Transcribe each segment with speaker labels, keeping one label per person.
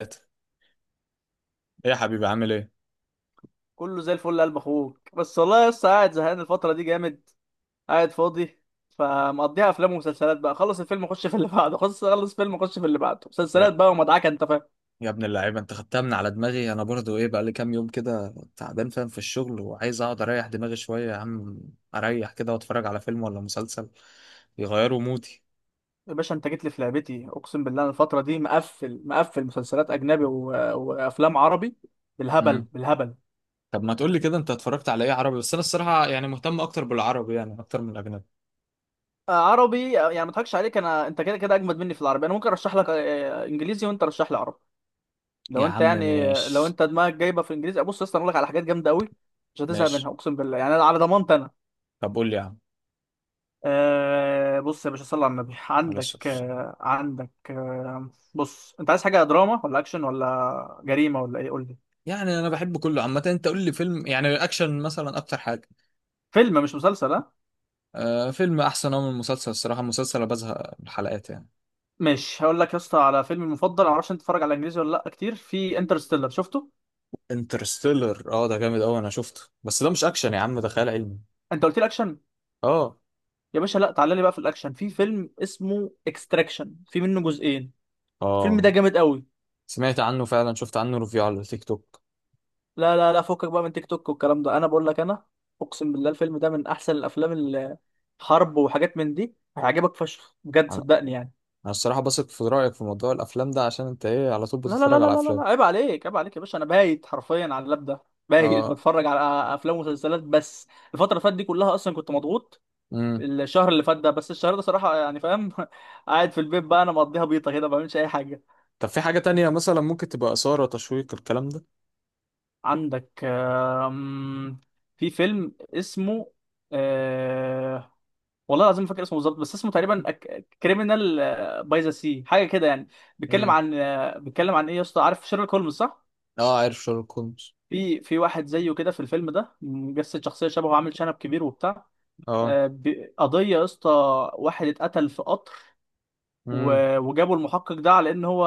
Speaker 1: ثلاثة. ايه يا حبيبي عامل ايه؟
Speaker 2: كله زي الفل يا قلب اخوك، بس والله لسه قاعد زهقان الفتره دي جامد. قاعد فاضي، فمقضيها افلام ومسلسلات بقى. خلص الفيلم اخش في اللي بعده، خلص فيلم اخش في اللي بعده،
Speaker 1: يا
Speaker 2: مسلسلات بقى ومدعكه، انت فاهم.
Speaker 1: يا ابن اللعيبه، انت خدتها من على دماغي. انا برضو ايه بقى لي كام يوم كده تعبان، فاهم، في الشغل وعايز اقعد اريح دماغي شويه يا عم. اريح كده واتفرج على فيلم ولا مسلسل، يغيروا مودي.
Speaker 2: يا باشا انت جيت لي في لعبتي، اقسم بالله انا الفتره دي مقفل مسلسلات اجنبي و... وافلام عربي، بالهبل
Speaker 1: امم
Speaker 2: بالهبل.
Speaker 1: طب ما تقول لي كده انت اتفرجت على ايه عربي؟ بس انا الصراحه يعني مهتم اكتر بالعربي يعني اكتر من الاجنبي.
Speaker 2: آه، عربي، يعني ما اضحكش عليك، انا انت كده كده اجمد مني في العربي. انا ممكن ارشح لك انجليزي وانت رشح لي عربي. لو
Speaker 1: يا
Speaker 2: انت
Speaker 1: عم
Speaker 2: يعني لو
Speaker 1: ماشي.
Speaker 2: انت دماغك جايبه في الانجليزي، بص يا اسطى انا اقول لك على حاجات جامده قوي. مش هتزهق منها
Speaker 1: ماشي.
Speaker 2: اقسم بالله، يعني على ضمانتي انا.
Speaker 1: طب قول لي يا عم.
Speaker 2: آه بص يا باشا، صلي على النبي.
Speaker 1: معلش.
Speaker 2: عندك آه، عندك آه. بص، انت عايز حاجه دراما ولا اكشن ولا جريمه ولا ايه؟ قول لي.
Speaker 1: يعني انا بحب كله عامه، انت قول لي فيلم يعني اكشن مثلا اكتر حاجه.
Speaker 2: فيلم مش مسلسل، ها؟
Speaker 1: آه فيلم احسن أوي من المسلسل الصراحه، المسلسل أنا بزهق من الحلقات يعني.
Speaker 2: مش هقول لك يا اسطى على فيلم المفضل. انا معرفش انت بتتفرج على انجليزي ولا لا كتير. في انترستيلر، شفته؟
Speaker 1: انترستيلر اه ده جامد قوي انا شفته، بس ده مش اكشن يا عم ده خيال علمي.
Speaker 2: انت قلت لي اكشن.
Speaker 1: اه
Speaker 2: يا باشا لا تعالى لي بقى في الاكشن، في فيلم اسمه اكستراكشن، في منه جزئين. الفيلم ده
Speaker 1: اه
Speaker 2: جامد قوي.
Speaker 1: سمعت عنه فعلا، شفت عنه ريفيو على التيك توك.
Speaker 2: لا لا لا، فكك بقى من تيك توك والكلام ده، انا بقول لك انا. اقسم بالله الفيلم ده من احسن الافلام اللي حرب وحاجات من دي، هيعجبك فشخ بجد،
Speaker 1: انا
Speaker 2: صدقني يعني.
Speaker 1: أنا الصراحه بثق في رايك في موضوع الافلام ده، عشان انت ايه، على طول
Speaker 2: لا لا لا
Speaker 1: بتتفرج
Speaker 2: لا
Speaker 1: على
Speaker 2: لا
Speaker 1: افلام.
Speaker 2: لا، عيب عليك عيب عليك يا باشا، انا بايت حرفيا على اللاب ده. بايت
Speaker 1: اه.
Speaker 2: بتفرج على افلام ومسلسلات بس. الفتره اللي فاتت دي كلها اصلا كنت مضغوط.
Speaker 1: امم
Speaker 2: الشهر اللي فات ده، بس الشهر ده صراحه يعني فاهم. قاعد في البيت بقى، انا مقضيها بيطه كده، ما بعملش اي حاجه.
Speaker 1: طب في حاجه تانية مثلا ممكن تبقى اثاره، تشويق، الكلام ده.
Speaker 2: عندك في فيلم اسمه أه... والله العظيم ما فاكر اسمه بالظبط، بس اسمه تقريبا كريمنال باي ذا سي، حاجه كده يعني. بيتكلم
Speaker 1: امم
Speaker 2: عن ايه يا اسطى، عارف شيرلوك هولمز صح؟
Speaker 1: اه عارف شارلوك هولمز.
Speaker 2: في واحد زيه كده في الفيلم ده، مجسد شخصيه شبهه، عامل شنب كبير وبتاع.
Speaker 1: اه.
Speaker 2: قضيه يا اسطى، واحد اتقتل في قطر
Speaker 1: امم.
Speaker 2: وجابوا المحقق ده على ان هو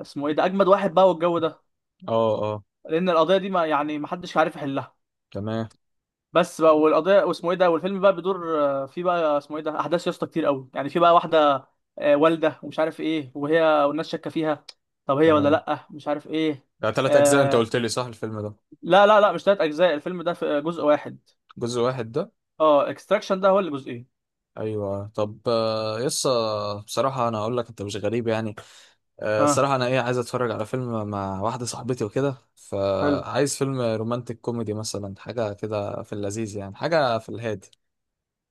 Speaker 2: اسمه ايه ده، اجمد واحد بقى والجو ده،
Speaker 1: اه. اه.
Speaker 2: لان القضيه دي ما حدش عارف يحلها
Speaker 1: تمام.
Speaker 2: بس بقى. والقضيه واسمه ايه ده، والفيلم بقى بيدور في بقى اسمه ايه ده، احداث يا اسطى كتير قوي، يعني في بقى واحده والده ومش عارف ايه، وهي والناس شاكه فيها، طب هي ولا
Speaker 1: تمام.
Speaker 2: لا، مش عارف ايه.
Speaker 1: ده تلات اجزاء انت
Speaker 2: آه،
Speaker 1: قلت لي صح الفيلم ده؟
Speaker 2: لا لا لا، مش تلات اجزاء، الفيلم ده في جزء واحد.
Speaker 1: جزء واحد ده.
Speaker 2: اه، اكستراكشن ده هو اللي جزئين.
Speaker 1: ايوه طب يسا. بصراحه انا اقول لك انت مش غريب يعني.
Speaker 2: ها،
Speaker 1: الصراحة أنا إيه، عايز أتفرج على فيلم مع واحدة صاحبتي وكده،
Speaker 2: حلو،
Speaker 1: فعايز فيلم رومانتك كوميدي مثلا، حاجة كده في اللذيذ يعني، حاجة في الهادي.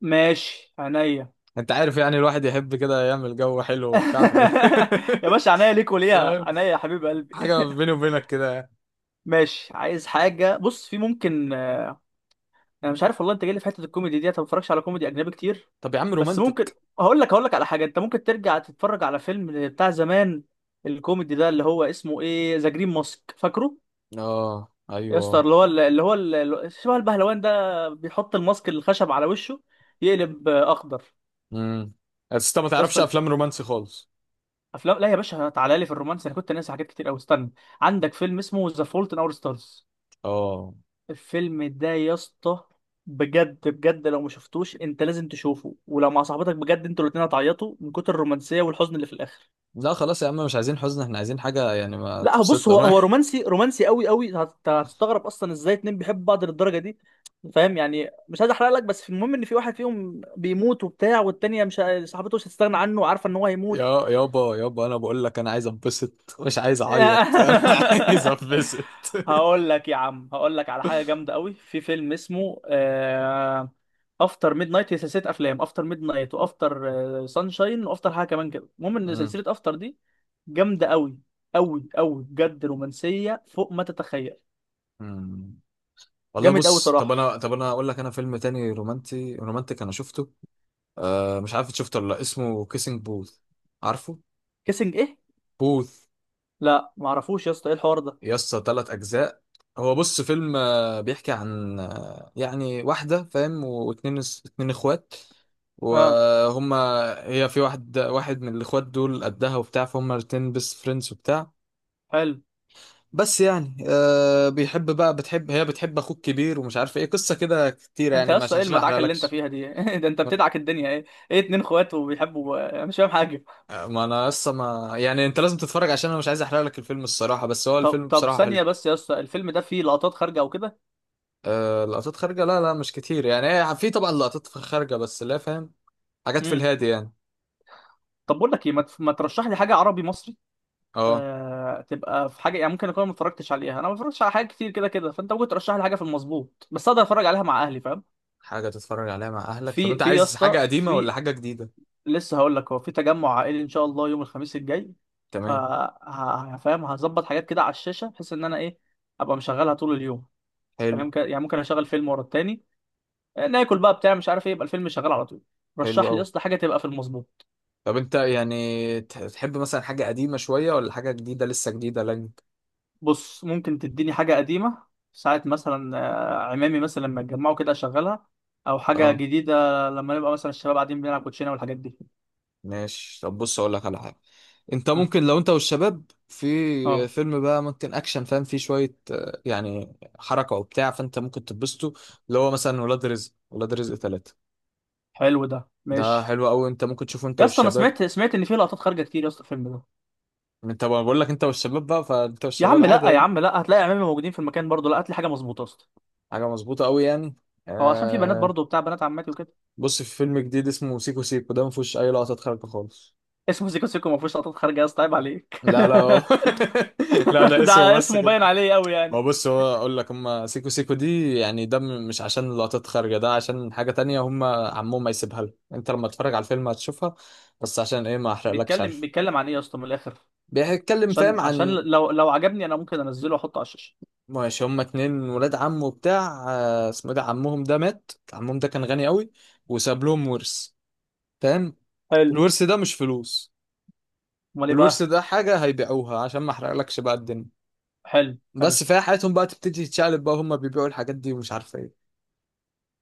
Speaker 2: ماشي عينيا.
Speaker 1: أنت عارف يعني، الواحد يحب كده يعمل جو حلو وبتاع في
Speaker 2: يا باشا عينيا ليك وليها،
Speaker 1: فاهم؟
Speaker 2: عينيا يا حبيب قلبي.
Speaker 1: حاجة بيني وبينك كده يعني.
Speaker 2: ماشي، عايز حاجة، بص في ممكن، انا مش عارف والله، انت جاي لي في حتة الكوميدي دي، انا ما بتفرجش على كوميدي اجنبي كتير،
Speaker 1: طب يا عم
Speaker 2: بس ممكن.
Speaker 1: رومانتك.
Speaker 2: هقول لك على حاجة، انت ممكن ترجع تتفرج على فيلم بتاع زمان، الكوميدي ده اللي هو اسمه ايه، ذا جرين ماسك، فاكره
Speaker 1: آه
Speaker 2: يا اسطى
Speaker 1: أيوه.
Speaker 2: اللي هو اللي شبه البهلوان ده، بيحط الماسك الخشب على وشه، يقلب اخضر.
Speaker 1: امم. بس أنت ما
Speaker 2: يا
Speaker 1: تعرفش
Speaker 2: اسطى
Speaker 1: أفلام رومانسي خالص.
Speaker 2: افلام، لا يا باشا تعالى لي في الرومانس، انا كنت ناسي حاجات كتير قوي، استنى. عندك فيلم اسمه ذا فولت ان اور ستارز،
Speaker 1: آه.
Speaker 2: الفيلم ده يا اسطى بجد بجد، لو ما شفتوش انت لازم تشوفه، ولو مع صاحبتك بجد انتوا الاتنين هتعيطوا من كتر الرومانسيه والحزن اللي في الاخر.
Speaker 1: لا خلاص يا عم، مش عايزين حزن، احنا عايزين حاجة يعني ما
Speaker 2: لا هو بص، هو
Speaker 1: تبسطنا
Speaker 2: هو رومانسي رومانسي قوي قوي، هتستغرب اصلا ازاي اتنين بيحبوا بعض للدرجه دي، فاهم يعني. مش عايز احرق لك، بس في المهم ان في واحد فيهم بيموت وبتاع، والتانيه مش ه- صاحبته مش هتستغنى عنه وعارفه ان هو هيموت.
Speaker 1: يا يابا يابا انا بقول لك انا عايز انبسط، مش عايز اعيط انا عايز انبسط.
Speaker 2: هقول لك يا عم، هقول لك على حاجه جامده قوي، في فيلم اسمه افتر ميد نايت، هي سلسله افلام، افتر ميد نايت، وافتر سانشاين، وافتر حاجه كمان كده، المهم ان
Speaker 1: مم.
Speaker 2: سلسله افتر دي جامده قوي قوي قوي بجد، رومانسيه فوق ما تتخيل.
Speaker 1: مم. والله
Speaker 2: جامد قوي
Speaker 1: بص، طب
Speaker 2: صراحه.
Speaker 1: انا طب انا اقول لك، انا فيلم تاني رومانتي رومانتك انا شفته. آه مش عارف إنت شفته ولا لا، اسمه كيسنج بوث. عارفه.
Speaker 2: كيسنج ايه؟
Speaker 1: بوث.
Speaker 2: لا معرفوش يا اسطى، ايه الحوار ده.
Speaker 1: يا اسطى ثلاث اجزاء. هو بص فيلم بيحكي عن يعني واحده، فاهم، واتنين، اتنين اخوات،
Speaker 2: اه،
Speaker 1: وهما، هي في واحد، واحد من الاخوات دول قدها وبتاع، فهم الاتنين بس فريندز وبتاع.
Speaker 2: حلو.
Speaker 1: بس يعني آه بيحب بقى، بتحب، هي بتحب اخوك كبير ومش عارف ايه، قصه كده كتير
Speaker 2: انت
Speaker 1: يعني،
Speaker 2: يا
Speaker 1: مش
Speaker 2: اسطى ايه
Speaker 1: عشان احرق
Speaker 2: المدعكه اللي انت
Speaker 1: لكش.
Speaker 2: فيها دي؟ ده انت
Speaker 1: ما
Speaker 2: بتدعك الدنيا، ايه، ايه، اتنين اخوات وبيحبوا، انا مش فاهم حاجه.
Speaker 1: ما انا لسه ما يعني، انت لازم تتفرج عشان انا مش عايز احرق لك الفيلم الصراحه، بس هو
Speaker 2: طب
Speaker 1: الفيلم
Speaker 2: طب
Speaker 1: بصراحه حلو.
Speaker 2: ثانية بس يا اسطى، الفيلم ده فيه لقطات خارجة أو كده؟
Speaker 1: آه لقطات خارجه، لا لا مش كتير يعني، هي في طبعا لقطات خارجه بس لا فاهم، حاجات في
Speaker 2: امم،
Speaker 1: الهادي يعني.
Speaker 2: طب بقول لك إيه، ما ترشح لي حاجة عربي مصري
Speaker 1: اه.
Speaker 2: تبقى في حاجة، يعني ممكن أكون ما اتفرجتش عليها، أنا ما اتفرجتش على حاجات كتير كده كده، فأنت ممكن ترشح لي حاجة في المظبوط، بس أقدر أتفرج عليها مع أهلي فاهم؟
Speaker 1: حاجه تتفرج عليها مع اهلك. طب
Speaker 2: في
Speaker 1: انت
Speaker 2: في يا
Speaker 1: عايز
Speaker 2: اسطى
Speaker 1: حاجه قديمه ولا
Speaker 2: في،
Speaker 1: حاجه جديده؟
Speaker 2: لسه هقول لك، هو في تجمع عائلي إن شاء الله يوم الخميس الجاي، ف
Speaker 1: تمام.
Speaker 2: فاهم، هظبط حاجات كده على الشاشة، بحيث إن أنا إيه، أبقى مشغلها طول اليوم.
Speaker 1: حلو.
Speaker 2: فاهم يعني ممكن أشغل فيلم ورا التاني، ناكل بقى بتاع مش عارف إيه، يبقى الفيلم شغال على طول.
Speaker 1: حلو
Speaker 2: رشح لي يا
Speaker 1: قوي.
Speaker 2: اسطى حاجة تبقى في المظبوط.
Speaker 1: طب انت يعني تحب مثلا حاجه قديمه شويه ولا حاجه جديده لسه جديده لك؟
Speaker 2: بص، ممكن تديني حاجة قديمة ساعة مثلا، عمامي مثلا لما اتجمعوا كده أشغلها، أو حاجة
Speaker 1: اه.
Speaker 2: جديدة لما نبقى مثلا الشباب قاعدين بنلعب كوتشينة والحاجات دي.
Speaker 1: ماشي طب بص اقول لك على حاجه. انت
Speaker 2: اه،
Speaker 1: ممكن، لو انت والشباب، في
Speaker 2: آه،
Speaker 1: فيلم بقى، ممكن اكشن فاهم، فيه شويه يعني حركه وبتاع فانت ممكن تتبسطوا، اللي هو مثلا ولاد رزق، ولاد رزق ثلاثة.
Speaker 2: حلو ده،
Speaker 1: ده
Speaker 2: ماشي.
Speaker 1: حلو قوي، انت ممكن تشوفه انت
Speaker 2: يا اسطى أنا
Speaker 1: والشباب.
Speaker 2: سمعت إن فيه لقطات خارجة كتير يا اسطى الفيلم ده.
Speaker 1: انت بقول لك انت والشباب بقى، فانت
Speaker 2: يا
Speaker 1: والشباب
Speaker 2: عم
Speaker 1: عادي
Speaker 2: لا، يا
Speaker 1: يعني.
Speaker 2: عم لا، هتلاقي عمامي موجودين في المكان برضه، لا هات لي حاجة مظبوطة يا اسطى.
Speaker 1: حاجه مظبوطه قوي يعني.
Speaker 2: هو عشان في بنات
Speaker 1: آه
Speaker 2: برضه بتاع، بنات عماتي وكده.
Speaker 1: بص في فيلم جديد اسمه سيكو سيكو، ده ما فيهوش اي لقطات خارجه خالص.
Speaker 2: اسمه سيكو سيكو ما فيهوش لقطات خارجة؟ يا اسطى عيب عليك.
Speaker 1: لا لا لا ده اسمه
Speaker 2: ده
Speaker 1: بس
Speaker 2: اسمه
Speaker 1: كده.
Speaker 2: باين عليه قوي
Speaker 1: ما
Speaker 2: يعني.
Speaker 1: هو بص هو اقول لك، هم سيكو سيكو دي يعني ده مش عشان اللقطات خارجه، ده عشان حاجه تانية، هم عمهم ما يسيبها له، انت لما تتفرج على الفيلم هتشوفها، بس عشان ايه ما احرقلكش،
Speaker 2: بيتكلم
Speaker 1: عارف.
Speaker 2: بيتكلم عن ايه يا اسطى من الآخر؟
Speaker 1: بيتكلم
Speaker 2: عشان
Speaker 1: فاهم
Speaker 2: عشان
Speaker 1: عن.
Speaker 2: لو لو عجبني انا ممكن انزله واحطه على الشاشة.
Speaker 1: ماشي هم اتنين ولاد عمه بتاع اسمه إيه ده، عمهم ده مات، عمهم ده كان غني قوي وساب لهم ورث، فاهم.
Speaker 2: حلو،
Speaker 1: الورث ده مش فلوس،
Speaker 2: امال ايه
Speaker 1: الورث
Speaker 2: بقى؟
Speaker 1: ده حاجه هيبيعوها، عشان ما احرقلكش بقى الدنيا،
Speaker 2: حلو حلو.
Speaker 1: بس فيها حياتهم بقى تبتدي تتشقلب بقى، هم بيبيعوا الحاجات دي ومش عارف ايه،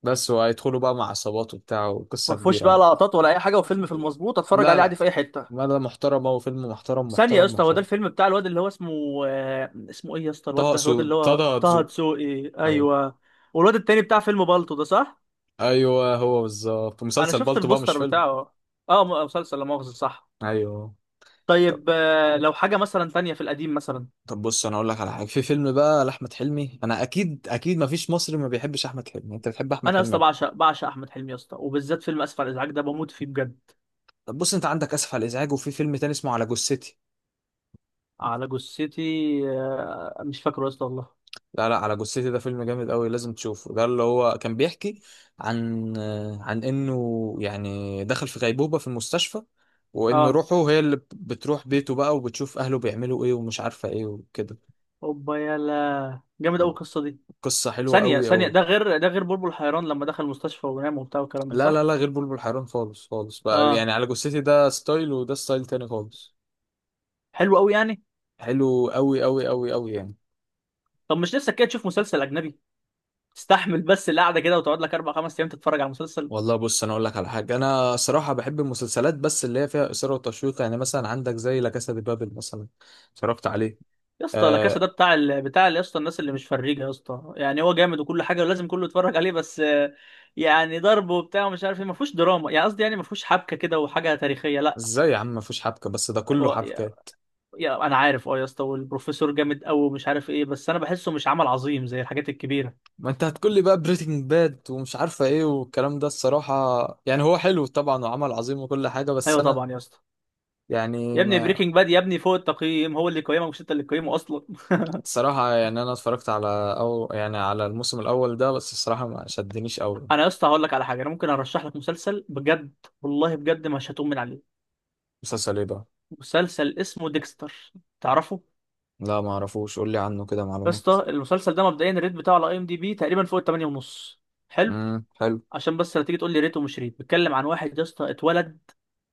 Speaker 1: بس وهيدخلوا بقى مع عصابات وبتاع وقصة
Speaker 2: ما فيهوش
Speaker 1: كبيرة
Speaker 2: بقى
Speaker 1: يعني.
Speaker 2: لقطات ولا اي حاجه، وفيلم في المظبوط اتفرج
Speaker 1: لا
Speaker 2: عليه عادي
Speaker 1: لا،
Speaker 2: في اي حته.
Speaker 1: مدى محترمة وفيلم محترم
Speaker 2: ثانيه يا
Speaker 1: محترم
Speaker 2: اسطى، هو ده
Speaker 1: محترم.
Speaker 2: الفيلم بتاع الواد اللي هو اسمه اسمه ايه يا اسطى
Speaker 1: طه
Speaker 2: الواد ده،
Speaker 1: سو
Speaker 2: الواد اللي
Speaker 1: طه
Speaker 2: هو طه
Speaker 1: دسوقي.
Speaker 2: دسوقي،
Speaker 1: ايوه.
Speaker 2: ايوه. والواد التاني بتاع فيلم بالطو ده صح؟
Speaker 1: ايوه هو بالظبط
Speaker 2: انا
Speaker 1: مسلسل
Speaker 2: شفت
Speaker 1: بالطو بقى مش
Speaker 2: البوستر
Speaker 1: فيلم.
Speaker 2: بتاعه. اه مسلسل لا مؤاخذه، صح.
Speaker 1: ايوه. طب
Speaker 2: طيب لو حاجه مثلا تانية في القديم مثلا.
Speaker 1: طب بص انا اقول لك على حاجه، في فيلم بقى لاحمد حلمي، انا اكيد اكيد ما فيش مصري ما بيحبش احمد حلمي، انت بتحب احمد
Speaker 2: انا يا
Speaker 1: حلمي
Speaker 2: اسطى
Speaker 1: أكيد.
Speaker 2: بعشق احمد حلمي يا اسطى، وبالذات فيلم اسف على الازعاج، ده بموت فيه بجد.
Speaker 1: طب بص انت عندك اسف على الازعاج، وفي فيلم تاني اسمه على جثتي.
Speaker 2: على جثتي، مش فاكره يا اسطى والله.
Speaker 1: لا لا على جثتي ده فيلم جامد قوي لازم تشوفه، ده اللي هو كان بيحكي عن، عن انه يعني دخل في غيبوبة في المستشفى، وان
Speaker 2: اه،
Speaker 1: روحه هي اللي بتروح بيته بقى وبتشوف اهله بيعملوا ايه ومش عارفة ايه وكده.
Speaker 2: اوبا، يلا جامد قوي القصه دي.
Speaker 1: قصة حلوة
Speaker 2: ثانيه
Speaker 1: قوي
Speaker 2: ثانيه
Speaker 1: قوي.
Speaker 2: ده غير، ده غير بلبل حيران لما دخل المستشفى ونام وبتاع والكلام ده،
Speaker 1: لا لا
Speaker 2: صح؟
Speaker 1: لا، غير بلبل حيران خالص خالص بقى
Speaker 2: اه،
Speaker 1: يعني، على جثتي ده ستايل وده ستايل تاني خالص.
Speaker 2: حلو قوي يعني.
Speaker 1: حلو قوي قوي قوي قوي يعني.
Speaker 2: طب مش نفسك كده تشوف مسلسل اجنبي، تستحمل بس القعده كده، وتقعد لك اربع خمس ايام تتفرج على مسلسل؟
Speaker 1: والله بص انا اقول لك على حاجه، انا صراحه بحب المسلسلات بس اللي هي فيها اثاره وتشويق، يعني مثلا عندك زي لا كاسا دي بابل مثلا، اتفرجت عليه.
Speaker 2: يا اسطى لا كاسا ده
Speaker 1: آه.
Speaker 2: بتاع ال... بتاع يا اسطى الناس اللي مش فريجه يا اسطى يعني، هو جامد وكل حاجه ولازم كله يتفرج عليه، بس يعني ضرب وبتاع ومش عارف ايه، ما فيهوش دراما يعني، قصدي يعني ما فيهوش حبكه كده وحاجه تاريخيه، لا.
Speaker 1: ازاي يا عم مفيش حبكة، بس ده كله
Speaker 2: هو
Speaker 1: حبكات.
Speaker 2: انا عارف اه يا اسطى، والبروفيسور جامد قوي ومش عارف ايه، بس انا بحسه مش عمل عظيم زي الحاجات الكبيره.
Speaker 1: ما انت هتقول لي بقى بريتنج باد ومش عارفة ايه والكلام ده الصراحة، يعني هو حلو طبعا وعمل عظيم وكل حاجة، بس
Speaker 2: ايوه
Speaker 1: انا
Speaker 2: طبعا يا اسطى.
Speaker 1: يعني
Speaker 2: يا ابني
Speaker 1: ما.
Speaker 2: بريكنج باد يا ابني فوق التقييم، هو اللي قيمه، مش انت اللي قيمه اصلا.
Speaker 1: الصراحة يعني انا اتفرجت على، او يعني على الموسم الاول ده بس، الصراحة ما شدنيش قوي.
Speaker 2: انا يا اسطى هقول لك على حاجه، انا ممكن ارشح لك مسلسل بجد، والله بجد مش هتقوم من عليه.
Speaker 1: مسلسل ايه بقى؟
Speaker 2: مسلسل اسمه ديكستر، تعرفه؟
Speaker 1: لا ما اعرفوش، قول لي عنه كده
Speaker 2: يا
Speaker 1: معلومات.
Speaker 2: اسطى المسلسل ده مبدئيا الريت بتاعه على اي ام دي بي تقريبا فوق ال 8 ونص. حلو.
Speaker 1: حلو.
Speaker 2: عشان بس لا تيجي تقول لي ريت ومش ريت. بيتكلم عن واحد يا اسطى اتولد،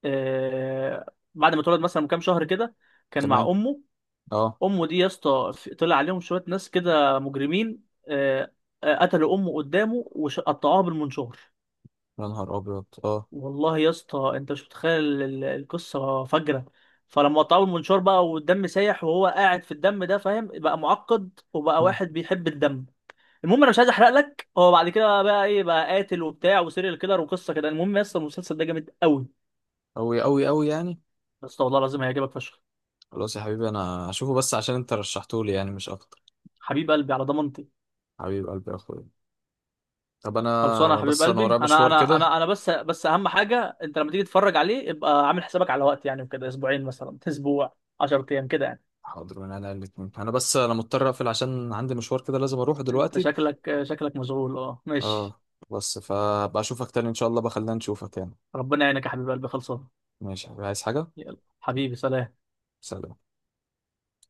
Speaker 2: آه بعد ما اتولد مثلا من كام شهر كده، كان مع
Speaker 1: تمام.
Speaker 2: امه.
Speaker 1: اه.
Speaker 2: امه دي يا اسطى طلع عليهم شويه ناس كده مجرمين، قتلوا امه قدامه وقطعوها بالمنشار.
Speaker 1: يا نهار ابيض اه.
Speaker 2: والله يا اسطى انت مش متخيل القصه فجره. فلما قطعوه بالمنشار بقى والدم سايح، وهو قاعد في الدم ده، فاهم بقى، معقد، وبقى
Speaker 1: مم.
Speaker 2: واحد بيحب الدم. المهم انا مش عايز احرق لك، هو بعد كده بقى ايه، بقى قاتل وبتاع وسيريال كيلر وقصه كده، المهم يا اسطى المسلسل ده جامد قوي.
Speaker 1: قوي قوي قوي يعني.
Speaker 2: يا اسطى والله العظيم هيعجبك فشخ.
Speaker 1: خلاص يا حبيبي انا هشوفه بس عشان انت رشحته لي يعني مش اكتر.
Speaker 2: حبيب قلبي، على ضمانتي.
Speaker 1: حبيب قلبي يا اخويا. طب انا
Speaker 2: خلصانه يا
Speaker 1: انا
Speaker 2: حبيب
Speaker 1: بس انا
Speaker 2: قلبي،
Speaker 1: ورايا
Speaker 2: انا
Speaker 1: مشوار
Speaker 2: انا
Speaker 1: كده.
Speaker 2: انا انا بس اهم حاجه انت لما تيجي تتفرج عليه ابقى عامل حسابك على وقت يعني، وكده اسبوعين مثلا، اسبوع 10 ايام كده يعني.
Speaker 1: حاضر من انا الاتنين، انا بس مضطر اقفل عشان عندي مشوار كده لازم اروحه
Speaker 2: انت
Speaker 1: دلوقتي.
Speaker 2: شكلك مشغول، اه ماشي.
Speaker 1: اه. بس فبقى اشوفك تاني ان شاء الله، بخلينا نشوفك يعني.
Speaker 2: ربنا يعينك يا حبيب قلبي، خلصانه.
Speaker 1: ماشي عايز حاجة.
Speaker 2: يلا حبيبي، سلام.
Speaker 1: سلام.